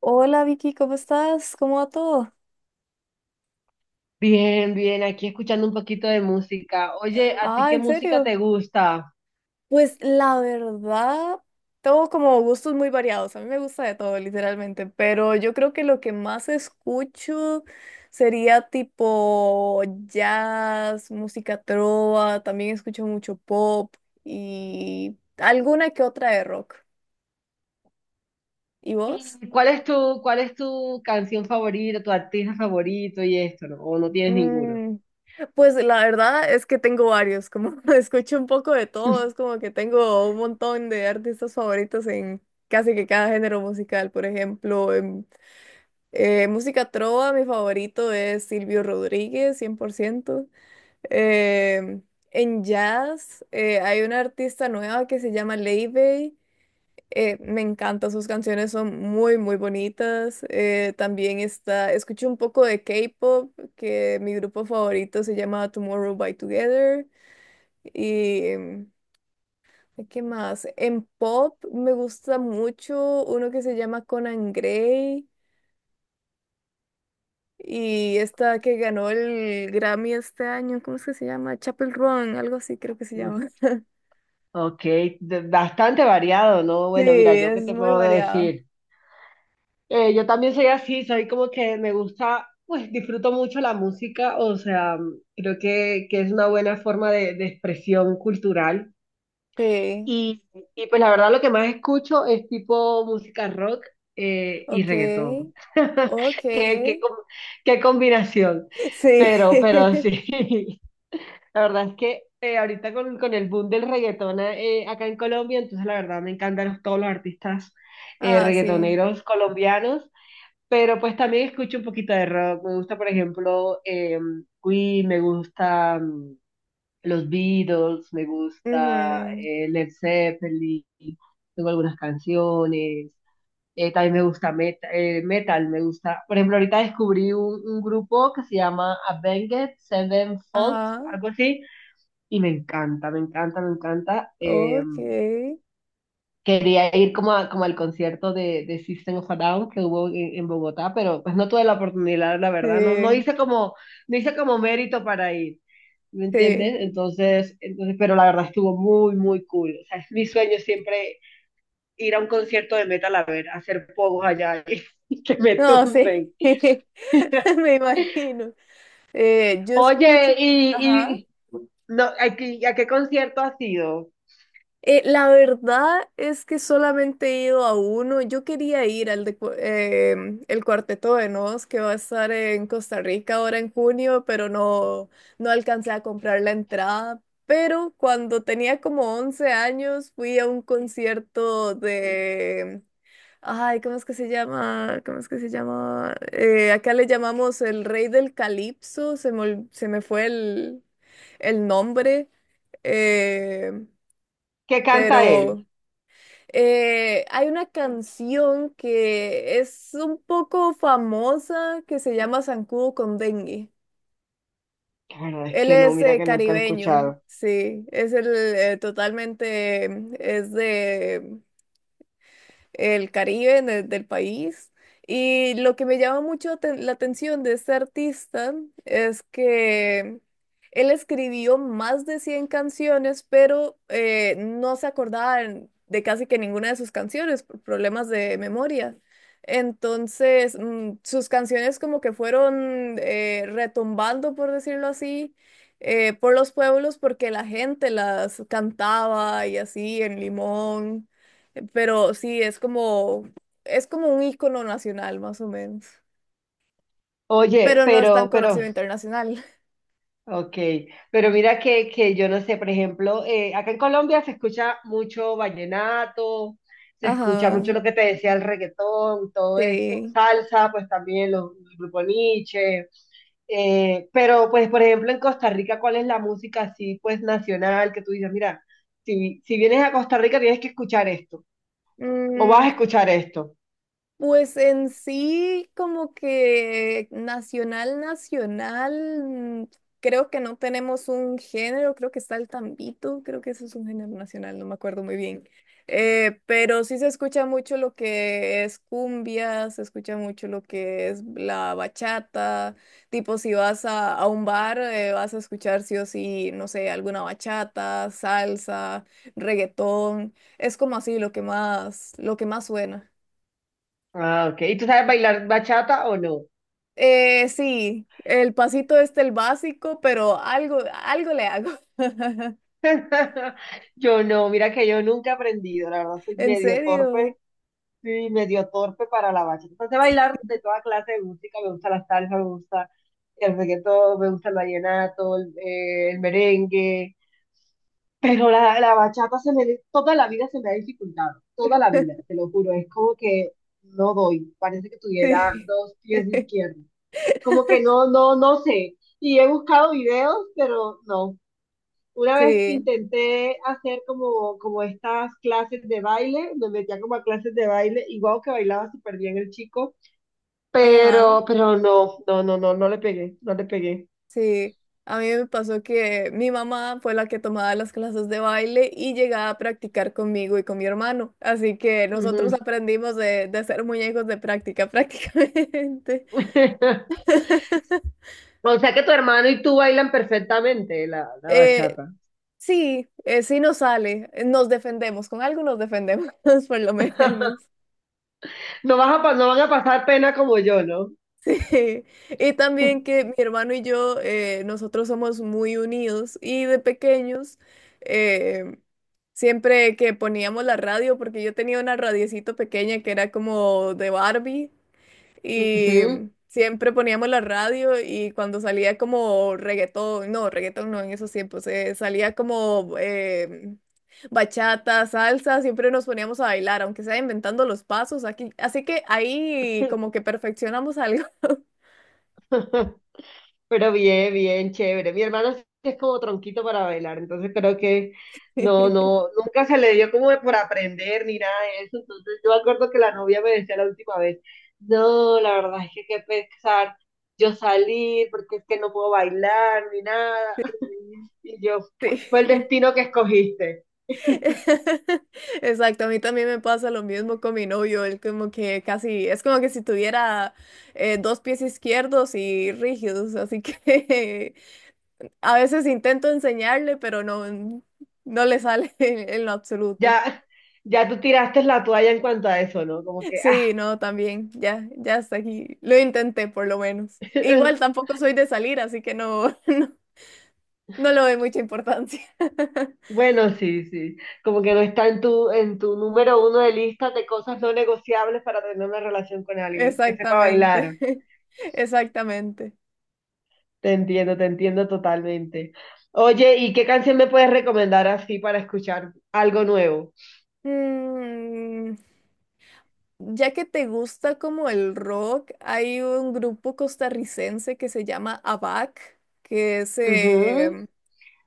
Hola Vicky, ¿cómo estás? ¿Cómo va todo? Bien, bien, aquí escuchando un poquito de música. Oye, ¿a ti Ah, qué ¿en música serio? te gusta? Pues la verdad, tengo como gustos muy variados. A mí me gusta de todo, literalmente. Pero yo creo que lo que más escucho sería tipo jazz, música trova. También escucho mucho pop y alguna que otra de rock. ¿Y vos? ¿Y cuál es tu canción favorita, tu artista favorito y esto, no? ¿O no tienes ninguno? Pues la verdad es que tengo varios, como escucho un poco de todo, es como que tengo un montón de artistas favoritos en casi que cada género musical. Por ejemplo, en música trova, mi favorito es Silvio Rodríguez, 100%. Em, en jazz, hay una artista nueva que se llama Leibey, me encantan sus canciones, son muy, muy bonitas. También está, escuché un poco de K-pop, que mi grupo favorito se llama Tomorrow by Together. Y, ¿qué más? En pop me gusta mucho uno que se llama Conan Gray y esta que ganó el Grammy este año, ¿cómo es que se llama? Chapel Run, algo así creo que se Mm. llama. Ok, bastante variado, ¿no? Sí, Bueno, mira, yo es qué te muy puedo variado. decir. Yo también soy así, soy como que me gusta, pues disfruto mucho la música, o sea, creo que es una buena forma de expresión cultural. Sí, Y, y pues la verdad lo que más escucho es tipo música rock y ok, reggaetón. ok, Qué, qué, com- qué combinación. sí. Pero sí, la verdad es que ahorita con el boom del reggaetón acá en Colombia, entonces la verdad me encantan todos los artistas Ah, sí. reggaetoneros colombianos, pero pues también escucho un poquito de rock. Me gusta, por ejemplo, Queen, me gusta... mm, los Beatles, me gusta Ujú. Led Zeppelin, tengo algunas canciones, también me gusta metal. Me gusta, por ejemplo, ahorita descubrí un grupo que se llama Avenged Sevenfold, Ajá. algo así, y me encanta, me encanta, me encanta. Ok. Quería ir como, como al concierto de System of a Down que hubo en Bogotá, pero pues no tuve la oportunidad, la verdad, no, no Sí, hice como, no hice como mérito para ir, ¿me sí. entiendes? Pero la verdad estuvo muy, muy cool. O sea, es mi sueño siempre ir a un concierto de metal a ver, a hacer pogos allá y que me No, sí. tumben. Me imagino. Yo escucho. Oye, Ajá. y no, ¿a a qué concierto has ido? La verdad es que solamente he ido a uno. Yo quería ir al de, cu- em, el Cuarteto de Nos, que va a estar en Costa Rica ahora en junio, pero no, no alcancé a comprar la entrada. Pero cuando tenía como 11 años fui a un concierto de. Ay, ¿cómo es que se llama? ¿Cómo es que se llama? Acá le llamamos el Rey del Calipso. Se me fue el nombre. Eh, ¿Qué canta él? pero hay una canción que es un poco famosa que se llama Zancudo con Dengue. La verdad es Él que no, es mira que nunca he caribeño, escuchado. sí, es el totalmente, es de el Caribe del país. Y lo que me llama mucho la atención de este artista es que él escribió más de 100 canciones, pero no se acordaba de casi que ninguna de sus canciones por problemas de memoria. Entonces, sus canciones como que fueron retumbando, por decirlo así, por los pueblos porque la gente las cantaba y así en Limón. Pero sí, es como un icono nacional, más o menos. Oye, Pero no es tan pero conocido internacional. Ok, pero mira que yo no sé, por ejemplo, acá en Colombia se escucha mucho vallenato, se escucha Ajá, mucho lo que te decía el reggaetón, todo esto, sí. salsa, pues también los grupos Niche, pero pues por ejemplo en Costa Rica, ¿cuál es la música así pues nacional que tú dices, mira, si, si vienes a Costa Rica tienes que escuchar esto, o vas a Mm, escuchar esto? Pues en sí, como que nacional, nacional, creo que no tenemos un género, creo que está el tambito, creo que eso es un género nacional, no me acuerdo muy bien. Pero sí se escucha mucho lo que es cumbia, se escucha mucho lo que es la bachata, tipo si vas a un bar, vas a escuchar sí o sí, no sé, alguna bachata, salsa, reggaetón, es como así lo que más suena. Ah, ok, ¿y tú sabes bailar bachata o no? Sí, el pasito este, el básico, pero algo le hago. Yo no, mira que yo nunca he aprendido, la verdad soy ¿En medio serio? torpe, sí, medio torpe para la bachata. Entonces bailar de toda clase de música, me gusta la salsa, me gusta el reggaetón, me gusta el vallenato, el merengue, pero la bachata se me, toda la vida se me ha dificultado, toda la vida, te lo juro, es como que no doy, parece que tuviera Sí. dos pies izquierdos, como que no, no, no sé, y he buscado videos, pero no. Una vez Sí, intenté hacer como, como estas clases de baile, me metía como a clases de baile, igual que bailaba súper bien el chico, ajá, pero no, no, no, no, no le pegué, no le pegué. sí. A mí me pasó que mi mamá fue la que tomaba las clases de baile y llegaba a practicar conmigo y con mi hermano. Así que nosotros Ujú. aprendimos de ser muñecos de práctica prácticamente. O sea que tu hermano y tú bailan perfectamente la Eh, bachata. sí nos sale, nos defendemos, con algo nos defendemos por lo menos. No vas a, no van a pasar pena como yo, ¿no? Sí, y también que mi hermano y yo, nosotros somos muy unidos y de pequeños, eh, siempre que poníamos la radio, porque yo tenía una radiecito pequeña que era como de Barbie, y Ujú. siempre poníamos la radio y cuando salía como reggaetón no en esos tiempos, salía como bachata, salsa, siempre nos poníamos a bailar, aunque sea inventando los pasos aquí, así que ahí como que perfeccionamos algo. Pero bien, bien, chévere. Mi hermano sí es como tronquito para bailar, entonces creo que no, no, nunca se le dio como de por aprender ni nada de eso. Entonces yo me acuerdo que la novia me decía la última vez, no, la verdad es que qué pesar yo salir porque es que no puedo bailar ni nada. Y yo, Sí, fue el destino que escogiste. exacto. A mí también me pasa lo mismo con mi novio. Él como que casi, es como que si tuviera dos pies izquierdos y rígidos. Así que a veces intento enseñarle, pero no, no le sale en lo absoluto. Ya, ya tú tiraste la toalla en cuanto a eso, ¿no? Como que, Sí, no, también. Ya, ya hasta aquí. Lo intenté por lo menos. Igual ah. tampoco soy de salir, así que no, no le doy mucha importancia. Bueno, sí, sí. Como que no está en tu número uno de listas de cosas no negociables para tener una relación con alguien que sepa bailar. Exactamente, exactamente. Te entiendo totalmente. Oye, ¿y qué canción me puedes recomendar así para escuchar algo nuevo? Mm, ya que te gusta como el rock, hay un grupo costarricense que se llama ABAC, que es Ujú.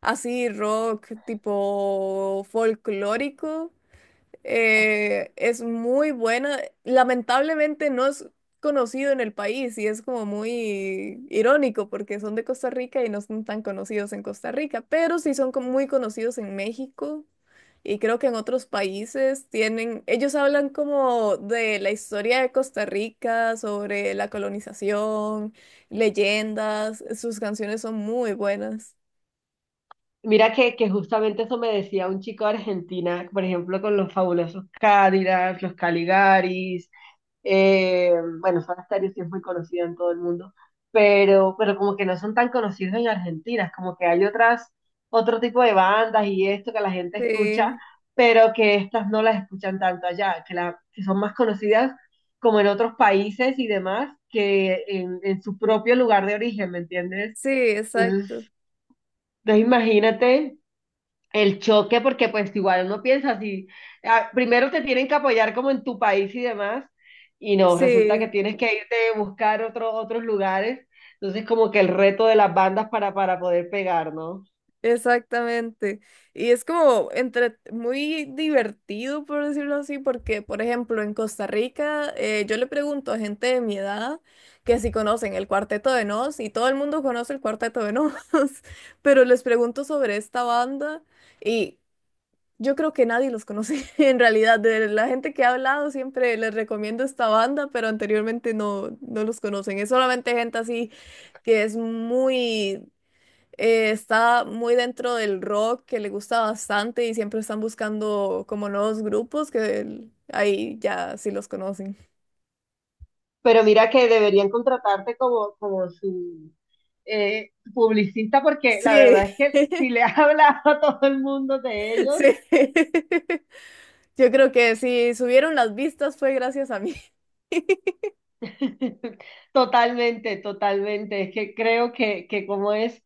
así rock tipo folclórico. Es muy buena. Lamentablemente no es conocido en el país y es como muy irónico porque son de Costa Rica y no son tan conocidos en Costa Rica, pero sí son como muy conocidos en México y creo que en otros países tienen, ellos hablan como de la historia de Costa Rica, sobre la colonización, leyendas, sus canciones son muy buenas. Mira que justamente eso me decía un chico de Argentina, por ejemplo, con los fabulosos Cádidas, los Caligaris, Eh, bueno, Soda Stereo sí es muy conocida en todo el mundo, pero como que no son tan conocidos en Argentina, es como que hay otras, otro tipo de bandas y esto que la gente escucha, Sí, pero que estas no las escuchan tanto allá, que, la, que son más conocidas como en otros países y demás que en su propio lugar de origen, ¿me entiendes? sí, Entonces, exacto. pues imagínate el choque, porque pues igual uno piensa así, ah, primero te tienen que apoyar como en tu país y demás, y no, resulta que Sí. tienes que irte a buscar otros lugares, entonces como que el reto de las bandas para poder pegar, ¿no? Exactamente. Y es como entre muy divertido, por decirlo así, porque, por ejemplo, en Costa Rica, yo le pregunto a gente de mi edad que si conocen el Cuarteto de Nos, y todo el mundo conoce el Cuarteto de Nos, pero les pregunto sobre esta banda y yo creo que nadie los conoce en realidad. De la gente que ha hablado, siempre les recomiendo esta banda, pero anteriormente no, no los conocen. Es solamente gente así que es muy está muy dentro del rock que le gusta bastante y siempre están buscando como nuevos grupos que ahí ya sí los conocen. Pero mira que deberían contratarte como, como su publicista, porque la Sí, verdad es que si le has hablado a todo el mundo de ellos, sí. Yo creo que si subieron las vistas fue gracias a mí. totalmente, totalmente, es que creo que como es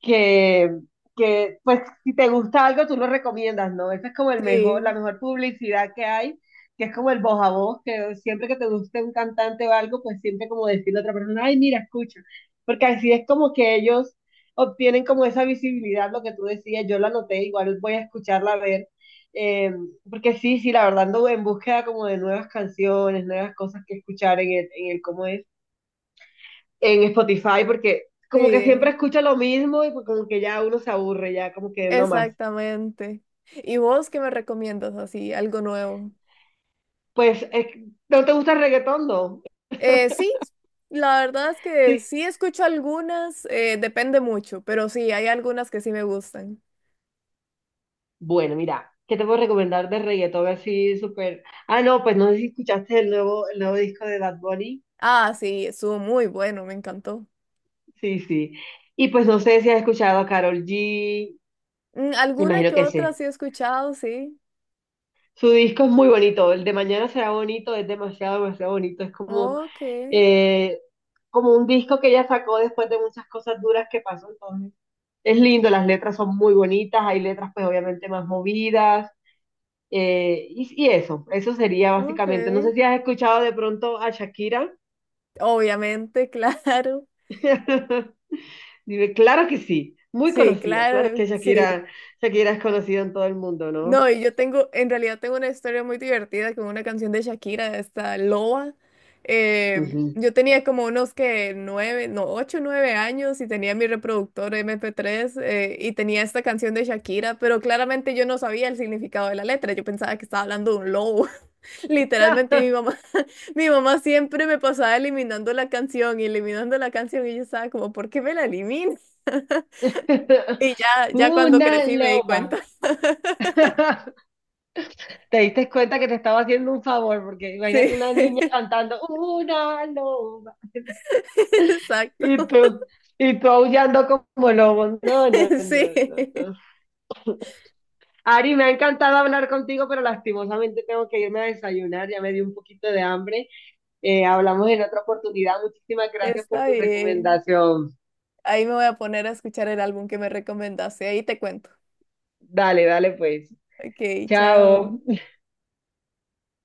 que, que pues si te gusta algo tú lo recomiendas, ¿no? Esa es como el mejor, la Sí, mejor publicidad que hay, que es como el voz a voz, que siempre que te guste un cantante o algo, pues siempre como decirle a otra persona, ay, mira, escucha, porque así es como que ellos obtienen como esa visibilidad, lo que tú decías, yo la noté, igual voy a escucharla a ver, eh, porque sí, sí, la verdad ando en búsqueda como de nuevas canciones, nuevas cosas que escuchar en el cómo es en Spotify porque como que siempre sí, escucho lo mismo y pues como que ya uno se aburre, ya como que no más. exactamente. ¿Y vos qué me recomiendas así, algo nuevo? Pues, es ¿no te gusta el reggaetón? No. Sí, la verdad es que Sí. sí escucho algunas, depende mucho, pero sí, hay algunas que sí me gustan. Bueno, mira, ¿qué te puedo recomendar de reggaetón así súper? Ah, no, pues no sé si escuchaste el nuevo disco de Bad Bunny. Ah, sí, estuvo muy bueno, me encantó. Sí, sí. Y pues no sé si has escuchado a Karol G, me Alguna imagino que que otra sí. sí he escuchado, sí. Su disco es muy bonito, el de mañana será bonito, es demasiado, demasiado bonito. Es como, Ok, eh, como un disco que ella sacó después de muchas cosas duras que pasó, entonces es lindo, las letras son muy bonitas, hay letras pues obviamente más movidas, y eso sería ok. básicamente. No sé si has escuchado de pronto a Shakira. Obviamente, claro. Dime, claro que sí, muy Sí, conocida, claro claro, que sí. Shakira, Shakira es conocida en todo el mundo, ¿no? No, y yo tengo, en realidad tengo una historia muy divertida con una canción de Shakira, esta Loba. Ujú. Yo tenía como unos que nueve, no, ocho, nueve años y tenía mi reproductor MP3 y tenía esta canción de Shakira, pero claramente yo no sabía el significado de la letra, yo pensaba que estaba hablando de un lobo. Literalmente mi mamá, mi mamá siempre me pasaba eliminando la canción y eliminando la canción y yo estaba como, ¿por qué me la eliminas? Y ya, ya cuando Una crecí me di loba. cuenta. Te diste cuenta que te estaba haciendo un favor, porque imagínate Sí, una niña cantando una loba. exacto. Y tú, y tú aullando como lobo. No, no, Sí, no, no, no. Ari, me ha encantado hablar contigo, pero lastimosamente tengo que irme a desayunar, ya me dio un poquito de hambre. Hablamos en otra oportunidad. Muchísimas gracias por está tu bien. recomendación. Ahí me voy a poner a escuchar el álbum que me recomendaste. Ahí te cuento. Dale, dale pues. Ok, chao. Chao.